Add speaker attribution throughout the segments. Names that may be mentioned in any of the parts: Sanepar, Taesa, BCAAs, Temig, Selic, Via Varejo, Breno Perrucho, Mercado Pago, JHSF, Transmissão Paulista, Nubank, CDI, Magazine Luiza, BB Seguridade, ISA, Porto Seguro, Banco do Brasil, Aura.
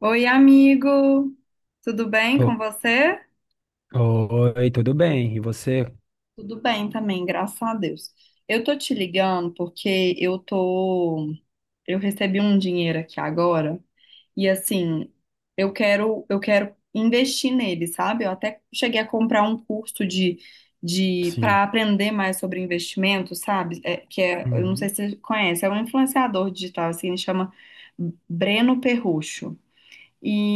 Speaker 1: Oi, amigo! Tudo bem com
Speaker 2: O-
Speaker 1: você?
Speaker 2: Oi, tudo bem? E você?
Speaker 1: Tudo bem também, graças a Deus. Eu tô te ligando porque eu recebi um dinheiro aqui agora e assim, eu quero investir nele, sabe? Eu até cheguei a comprar um curso de
Speaker 2: Sim.
Speaker 1: para aprender mais sobre investimento, sabe? É, que é, eu não sei
Speaker 2: Uhum.
Speaker 1: se você conhece, é um influenciador digital assim, ele chama Breno Perrucho.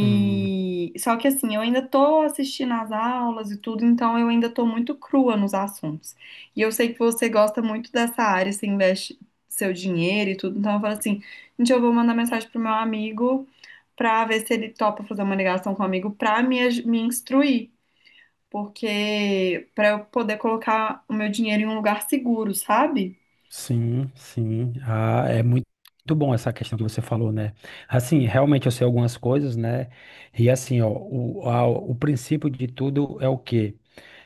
Speaker 2: Hum.
Speaker 1: só que assim, eu ainda tô assistindo às aulas e tudo, então eu ainda tô muito crua nos assuntos. E eu sei que você gosta muito dessa área, você investe seu dinheiro e tudo, então eu falo assim, gente, eu vou mandar mensagem pro meu amigo pra ver se ele topa fazer uma ligação comigo pra me, me instruir, porque pra eu poder colocar o meu dinheiro em um lugar seguro, sabe?
Speaker 2: Sim, sim. Ah, é muito, muito bom essa questão que você falou, né? Assim, realmente eu sei algumas coisas, né? E assim, ó, o princípio de tudo é o quê?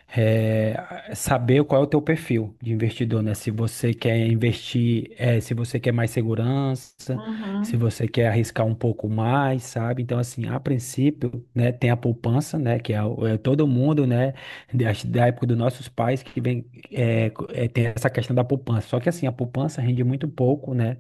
Speaker 2: Saber qual é o teu perfil de investidor, né? Se você quer investir, se você quer mais segurança, se
Speaker 1: Uhum.
Speaker 2: você quer arriscar um pouco mais, sabe? Então, assim, a princípio, né, tem a poupança, né, que é, é todo mundo, né, da época dos nossos pais que vem, tem essa questão da poupança. Só que, assim, a poupança rende muito pouco, né?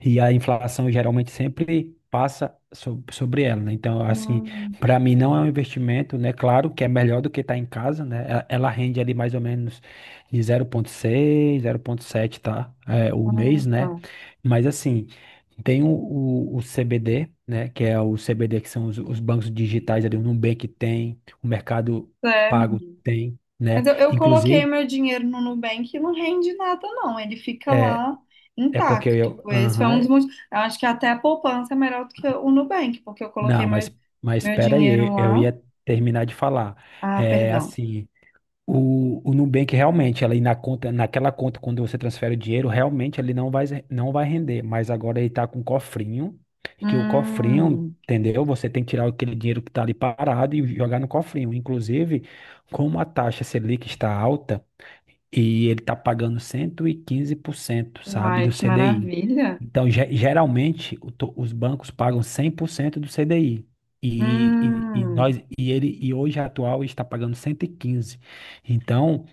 Speaker 2: E a inflação geralmente sempre passa sobre ela, né? Então, assim,
Speaker 1: Hum,
Speaker 2: para mim não é um investimento, né? Claro que é melhor do que estar em casa, né? Ela rende ali mais ou menos de 0,6, 0,7, tá? É, o
Speaker 1: ah,
Speaker 2: mês, né?
Speaker 1: tá.
Speaker 2: Mas assim, tem o CBD, né? Que é o CBD que são os bancos digitais ali, o Nubank tem, o Mercado
Speaker 1: É,
Speaker 2: Pago tem, né?
Speaker 1: mas eu coloquei
Speaker 2: Inclusive,
Speaker 1: meu dinheiro no Nubank e não rende nada, não. Ele fica
Speaker 2: é,
Speaker 1: lá intacto. Esse foi um
Speaker 2: aham.
Speaker 1: dos motivos. Eu acho que até a poupança é melhor do que o Nubank, porque eu coloquei
Speaker 2: Não, mas, mas
Speaker 1: meu
Speaker 2: espera aí,
Speaker 1: dinheiro
Speaker 2: eu
Speaker 1: lá.
Speaker 2: ia terminar de falar.
Speaker 1: Ah,
Speaker 2: É
Speaker 1: perdão.
Speaker 2: assim, o Nubank realmente, ali na conta, naquela conta, quando você transfere o dinheiro, realmente ele não vai render. Mas agora ele tá com um cofrinho, que o cofrinho,
Speaker 1: Hum,
Speaker 2: entendeu? Você tem que tirar aquele dinheiro que tá ali parado e jogar no cofrinho. Inclusive, como a taxa Selic está alta, e ele está pagando 115%, sabe,
Speaker 1: uai,
Speaker 2: do
Speaker 1: que
Speaker 2: CDI.
Speaker 1: maravilha.
Speaker 2: Então, geralmente, os bancos pagam 100% do CDI. E nós
Speaker 1: Hum,
Speaker 2: e ele e hoje a atual está pagando 115. Então,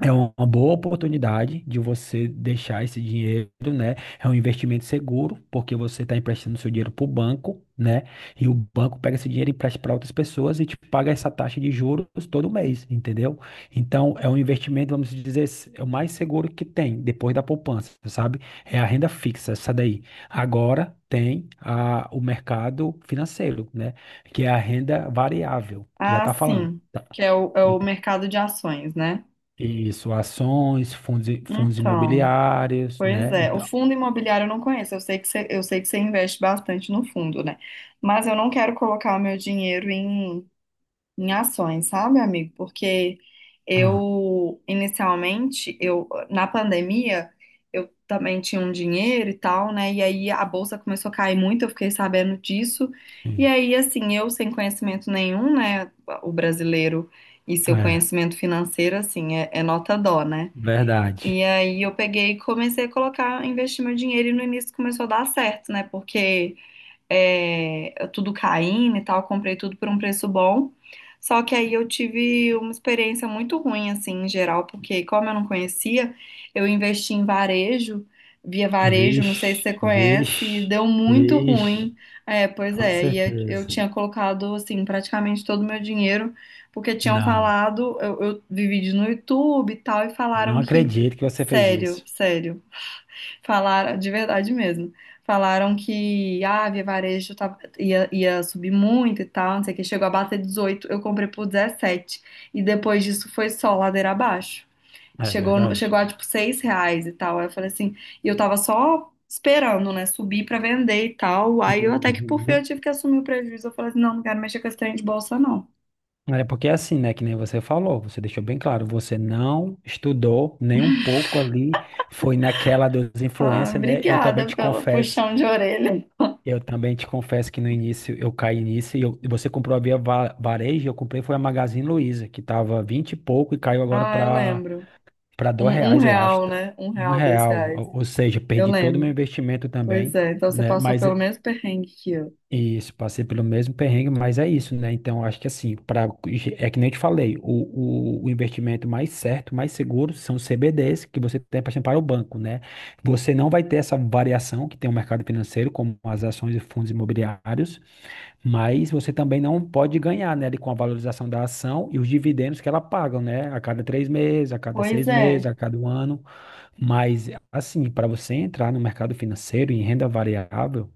Speaker 2: é uma boa oportunidade de você deixar esse dinheiro, né? É um investimento seguro, porque você está emprestando seu dinheiro para o banco, né? E o banco pega esse dinheiro e empresta para outras pessoas e te paga essa taxa de juros todo mês, entendeu? Então, é um investimento, vamos dizer, é o mais seguro que tem, depois da poupança, sabe? É a renda fixa, essa daí. Agora tem o mercado financeiro, né? Que é a renda variável, que já
Speaker 1: ah,
Speaker 2: está falando.
Speaker 1: sim,
Speaker 2: Tá?
Speaker 1: que é é o mercado de ações, né?
Speaker 2: Isso, ações, fundos, fundos
Speaker 1: Então,
Speaker 2: imobiliários,
Speaker 1: pois
Speaker 2: né?
Speaker 1: é. O
Speaker 2: Então,
Speaker 1: fundo imobiliário eu não conheço. Eu sei que você investe bastante no fundo, né? Mas eu não quero colocar o meu dinheiro em em ações, sabe, amigo? Porque
Speaker 2: ah,
Speaker 1: eu, inicialmente, eu na pandemia, eu também tinha um dinheiro e tal, né? E aí a bolsa começou a cair muito, eu fiquei sabendo disso. E
Speaker 2: sim,
Speaker 1: aí, assim, eu sem conhecimento nenhum, né? O brasileiro e seu
Speaker 2: é,
Speaker 1: conhecimento financeiro, assim, é nota dó, né? E
Speaker 2: verdade.
Speaker 1: aí eu peguei e comecei a colocar, investir meu dinheiro e no início começou a dar certo, né? Porque é, tudo caindo e tal, comprei tudo por um preço bom. Só que aí eu tive uma experiência muito ruim, assim, em geral, porque como eu não conhecia, eu investi em varejo, via varejo, não sei se
Speaker 2: Vixe,
Speaker 1: você conhece, e
Speaker 2: vixe,
Speaker 1: deu muito
Speaker 2: vixe,
Speaker 1: ruim. É, pois
Speaker 2: com
Speaker 1: é, e eu
Speaker 2: certeza.
Speaker 1: tinha colocado, assim, praticamente todo o meu dinheiro, porque tinham
Speaker 2: Não,
Speaker 1: falado, eu vi vídeos no YouTube e tal, e falaram
Speaker 2: não
Speaker 1: que,
Speaker 2: acredito que você fez
Speaker 1: sério,
Speaker 2: isso.
Speaker 1: sério. Falaram, de verdade mesmo. Falaram que ah, a Via Varejo ia subir muito e tal, não sei o que. Chegou a bater 18, eu comprei por 17. E depois disso foi só ladeira abaixo.
Speaker 2: É
Speaker 1: Chegou, no-
Speaker 2: verdade.
Speaker 1: chegou a tipo 6 reais e tal. Aí eu falei assim, e eu tava só esperando, né, subir pra vender e tal. Aí eu até que por fim eu
Speaker 2: Uhum.
Speaker 1: tive que assumir o prejuízo. Eu falei assim, não, não quero mexer com esse trem de bolsa, não.
Speaker 2: É porque é assim, né, que nem você falou, você deixou bem claro, você não estudou nem um pouco ali, foi naquela dos
Speaker 1: Ah,
Speaker 2: influencers, né? Eu também
Speaker 1: obrigada
Speaker 2: te
Speaker 1: pelo
Speaker 2: confesso
Speaker 1: puxão de orelha.
Speaker 2: Eu também te confesso que no início eu caí nisso e você comprou a Varejo, eu comprei foi a Magazine Luiza, que tava 20 e pouco e caiu agora
Speaker 1: Ah, eu lembro.
Speaker 2: para dois
Speaker 1: Um
Speaker 2: reais, eu acho.
Speaker 1: real,
Speaker 2: Tá?
Speaker 1: né? Um
Speaker 2: Um
Speaker 1: real, dois
Speaker 2: real,
Speaker 1: reais.
Speaker 2: ou seja,
Speaker 1: Eu
Speaker 2: perdi todo o meu
Speaker 1: lembro.
Speaker 2: investimento
Speaker 1: Pois
Speaker 2: também,
Speaker 1: é, então você
Speaker 2: né?
Speaker 1: passou pelo mesmo perrengue que eu.
Speaker 2: Isso, passei pelo mesmo perrengue, mas é isso, né? Então, eu acho que assim, para é que nem eu te falei, o investimento mais certo, mais seguro são os CBDs que você tem para o banco, né? Você não vai ter essa variação que tem o mercado financeiro, como as ações e fundos imobiliários. Mas você também não pode ganhar, né, ali com a valorização da ação e os dividendos que ela paga, né, a cada 3 meses, a cada
Speaker 1: Pois
Speaker 2: 6 meses,
Speaker 1: é,
Speaker 2: a cada 1 ano. Mas, assim, para você entrar no mercado financeiro em renda variável,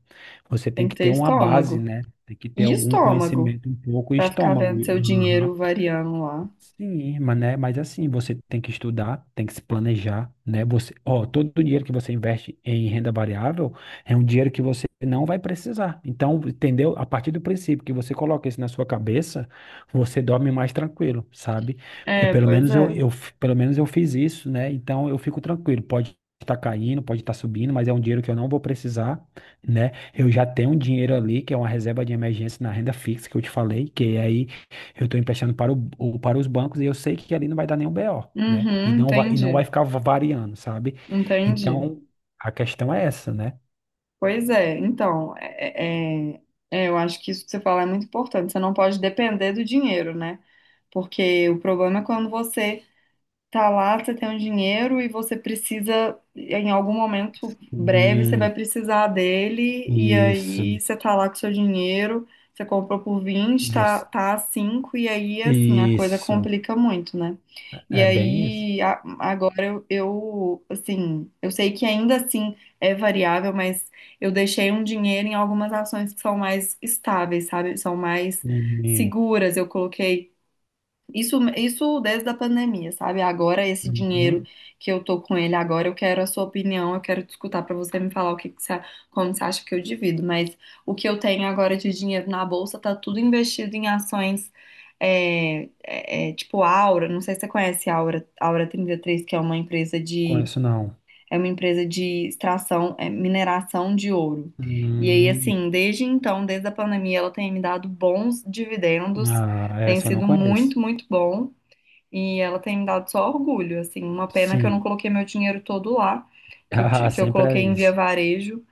Speaker 2: você
Speaker 1: tem
Speaker 2: tem
Speaker 1: que
Speaker 2: que
Speaker 1: ter
Speaker 2: ter uma base,
Speaker 1: estômago.
Speaker 2: né? Tem que ter
Speaker 1: E
Speaker 2: algum
Speaker 1: estômago,
Speaker 2: conhecimento um pouco e
Speaker 1: pra ficar
Speaker 2: estômago.
Speaker 1: vendo seu dinheiro variando lá.
Speaker 2: Sim, mas, né, assim, você tem que estudar, tem que se planejar, né? Você, ó, todo o dinheiro que você investe em renda variável é um dinheiro que você não vai precisar. Então, entendeu? A partir do princípio que você coloca isso na sua cabeça, você dorme mais tranquilo, sabe? E
Speaker 1: É,
Speaker 2: pelo
Speaker 1: pois
Speaker 2: menos
Speaker 1: é.
Speaker 2: pelo menos eu fiz isso, né? Então eu fico tranquilo. Pode estar caindo, pode estar subindo, mas é um dinheiro que eu não vou precisar, né? Eu já tenho um dinheiro ali, que é uma reserva de emergência na renda fixa que eu te falei, que aí eu estou emprestando para, para os bancos e eu sei que ali não vai dar nenhum BO, né?
Speaker 1: Uhum,
Speaker 2: E não vai
Speaker 1: entendi.
Speaker 2: ficar variando, sabe?
Speaker 1: Entendi.
Speaker 2: Então, a questão é essa, né?
Speaker 1: Pois é, então, eu acho que isso que você fala é muito importante. Você não pode depender do dinheiro, né? Porque o problema é quando você tá lá, você tem um dinheiro e você precisa, em algum momento breve, você vai
Speaker 2: Hum,
Speaker 1: precisar dele, e aí
Speaker 2: isso.
Speaker 1: você tá lá com seu dinheiro, você comprou por 20 tá,
Speaker 2: Você-
Speaker 1: tá a 5 e aí, assim, a coisa
Speaker 2: isso.
Speaker 1: complica muito, né? E
Speaker 2: É bem isso.
Speaker 1: aí, agora eu, assim, eu sei que ainda assim é variável, mas eu deixei um dinheiro em algumas ações que são mais estáveis, sabe? São mais
Speaker 2: E-
Speaker 1: seguras, eu coloquei isso, isso desde a pandemia, sabe? Agora, esse dinheiro
Speaker 2: uhum,
Speaker 1: que eu tô com ele agora, eu quero a sua opinião, eu quero te escutar pra você me falar o que que você, como você acha que eu divido. Mas o que eu tenho agora de dinheiro na bolsa tá tudo investido em ações tipo Aura. Não sei se você conhece a Aura, Aura 33 que é
Speaker 2: conheço não.
Speaker 1: é uma empresa de extração, mineração de ouro. E aí,
Speaker 2: Hum,
Speaker 1: assim, desde então, desde a pandemia, ela tem me dado bons dividendos.
Speaker 2: ah,
Speaker 1: Tem
Speaker 2: essa eu não
Speaker 1: sido
Speaker 2: conheço.
Speaker 1: muito, muito bom. E ela tem me dado só orgulho, assim, uma pena que eu não
Speaker 2: Sim.
Speaker 1: coloquei meu dinheiro todo lá, que eu, ti-
Speaker 2: Ah,
Speaker 1: que eu
Speaker 2: sempre
Speaker 1: coloquei
Speaker 2: é
Speaker 1: em via
Speaker 2: isso.
Speaker 1: varejo,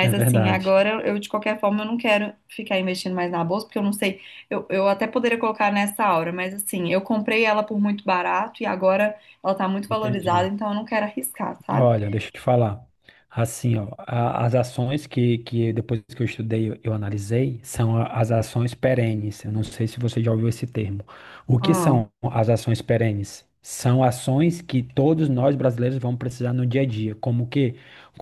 Speaker 2: É
Speaker 1: assim,
Speaker 2: verdade.
Speaker 1: agora eu de qualquer forma eu não quero ficar investindo mais na bolsa, porque eu não sei, eu até poderia colocar nessa hora, mas assim, eu comprei ela por muito barato e agora ela tá muito valorizada,
Speaker 2: Entendi.
Speaker 1: então eu não quero arriscar, sabe?
Speaker 2: Olha, deixa eu te falar. Assim, ó, as ações que depois que eu estudei, eu analisei, são as ações perenes. Eu não sei se você já ouviu esse termo. O que
Speaker 1: Ah,
Speaker 2: são as ações perenes? São ações que todos nós brasileiros vamos precisar no dia a dia,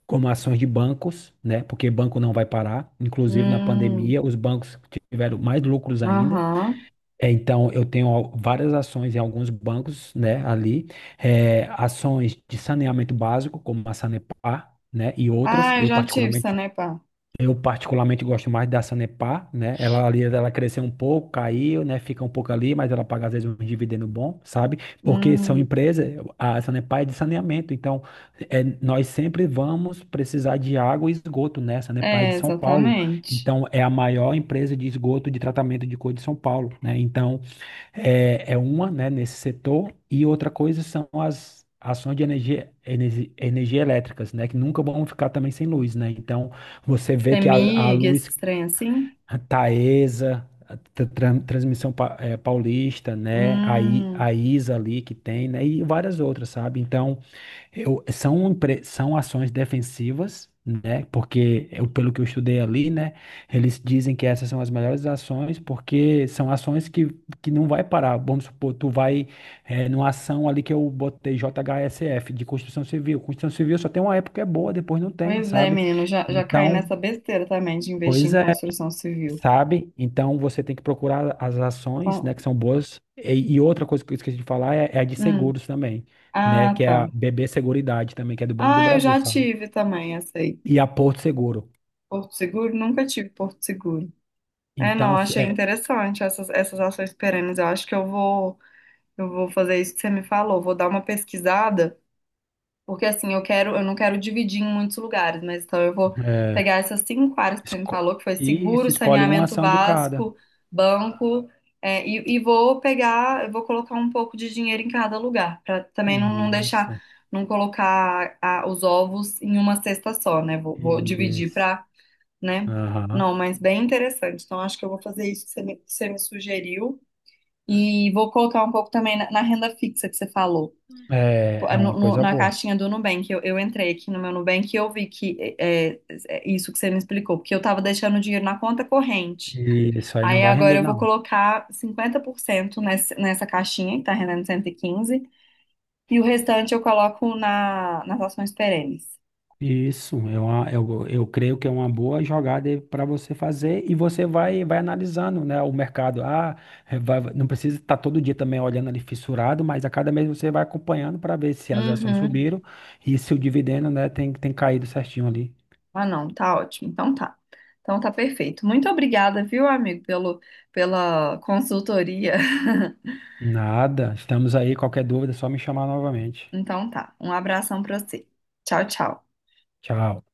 Speaker 2: como ações de bancos, né? Porque banco não vai parar. Inclusive na
Speaker 1: hum,
Speaker 2: pandemia, os bancos tiveram mais lucros ainda.
Speaker 1: aham.
Speaker 2: É, então, eu tenho várias ações em alguns bancos, né, ali, é, ações de saneamento básico, como a Sanepar, né, e outras.
Speaker 1: Ah, eu já tive Sanepar.
Speaker 2: Eu particularmente gosto mais da Sanepar, né, ela ali, ela cresceu um pouco, caiu, né, fica um pouco ali, mas ela paga às vezes um dividendo bom, sabe? Porque são
Speaker 1: Hum,
Speaker 2: empresas, a Sanepar é de saneamento, então é, nós sempre vamos precisar de água e esgoto, né? A Sanepar é de
Speaker 1: é,
Speaker 2: São Paulo,
Speaker 1: exatamente.
Speaker 2: então é a maior empresa de esgoto de tratamento de cor de São Paulo, né? Então, é uma, né, nesse setor, e outra coisa são as ações de energia, energia, elétricas, né, que nunca vão ficar também sem luz, né? Então, você vê que a
Speaker 1: Temig,
Speaker 2: luz
Speaker 1: esses trem assim?
Speaker 2: Taesa, Transmissão Paulista, né,
Speaker 1: Hum.
Speaker 2: a ISA ali que tem, né, e várias outras, sabe? Então, são ações defensivas, né? Porque, pelo que eu estudei ali, né? Eles dizem que essas são as melhores ações, porque são ações que não vai parar. Vamos supor, tu vai numa ação ali que eu botei JHSF de construção civil. Construção civil só tem uma época que é boa, depois não tem,
Speaker 1: Pois é,
Speaker 2: sabe?
Speaker 1: menino, já, já caí
Speaker 2: Então,
Speaker 1: nessa besteira também de investir
Speaker 2: pois
Speaker 1: em
Speaker 2: é,
Speaker 1: construção civil.
Speaker 2: sabe? Então você tem que procurar as ações,
Speaker 1: Então,
Speaker 2: né, que são boas. E outra coisa que eu esqueci de falar é, é a de
Speaker 1: hum,
Speaker 2: seguros também, né,
Speaker 1: ah,
Speaker 2: que é a
Speaker 1: tá.
Speaker 2: BB Seguridade também, que é do Banco do
Speaker 1: Ah, eu
Speaker 2: Brasil,
Speaker 1: já
Speaker 2: sabe?
Speaker 1: tive também essa aí.
Speaker 2: E a Porto Seguro.
Speaker 1: Porto Seguro? Nunca tive Porto Seguro. É,
Speaker 2: Então,
Speaker 1: não, achei interessante essas ações perenes. Eu acho que eu vou fazer isso que você me falou. Vou dar uma pesquisada. Porque assim, eu quero, eu não quero dividir em muitos lugares, mas então eu vou
Speaker 2: é,
Speaker 1: pegar essas cinco áreas que você me
Speaker 2: esco-
Speaker 1: falou, que foi
Speaker 2: isso,
Speaker 1: seguro,
Speaker 2: escolhe uma
Speaker 1: saneamento
Speaker 2: ação de cada.
Speaker 1: básico, banco, e vou pegar, eu vou colocar um pouco de dinheiro em cada lugar, para também não, não deixar,
Speaker 2: Isso,
Speaker 1: não colocar os ovos em uma cesta só, né? Vou dividir
Speaker 2: isso.
Speaker 1: para, né?
Speaker 2: Aham.
Speaker 1: Não, mas bem interessante. Então acho que eu vou fazer isso que você me sugeriu e vou colocar um pouco também na renda fixa que você falou.
Speaker 2: É,
Speaker 1: Pô, é
Speaker 2: é uma coisa
Speaker 1: na
Speaker 2: boa.
Speaker 1: caixinha do Nubank, eu entrei aqui no meu Nubank e eu vi que é isso que você me explicou, porque eu tava deixando o dinheiro na conta corrente.
Speaker 2: Isso aí não
Speaker 1: Aí
Speaker 2: vai
Speaker 1: agora
Speaker 2: render,
Speaker 1: eu vou
Speaker 2: não.
Speaker 1: colocar 50% nessa caixinha, que tá rendendo 115, e quinze, e o restante eu coloco nas ações perenes.
Speaker 2: Isso, eu creio que é uma boa jogada para você fazer e você vai analisando, né, o mercado. Ah, não precisa estar todo dia também olhando ali fissurado, mas a cada mês você vai acompanhando para ver se as ações
Speaker 1: Uhum.
Speaker 2: subiram e se o dividendo, né, tem caído certinho ali.
Speaker 1: Ah, não, tá ótimo. Então tá. Então tá perfeito. Muito obrigada, viu, amigo, pela consultoria.
Speaker 2: Nada, estamos aí, qualquer dúvida é só me chamar novamente.
Speaker 1: Então tá. Um abração pra você. Tchau, tchau.
Speaker 2: Tchau.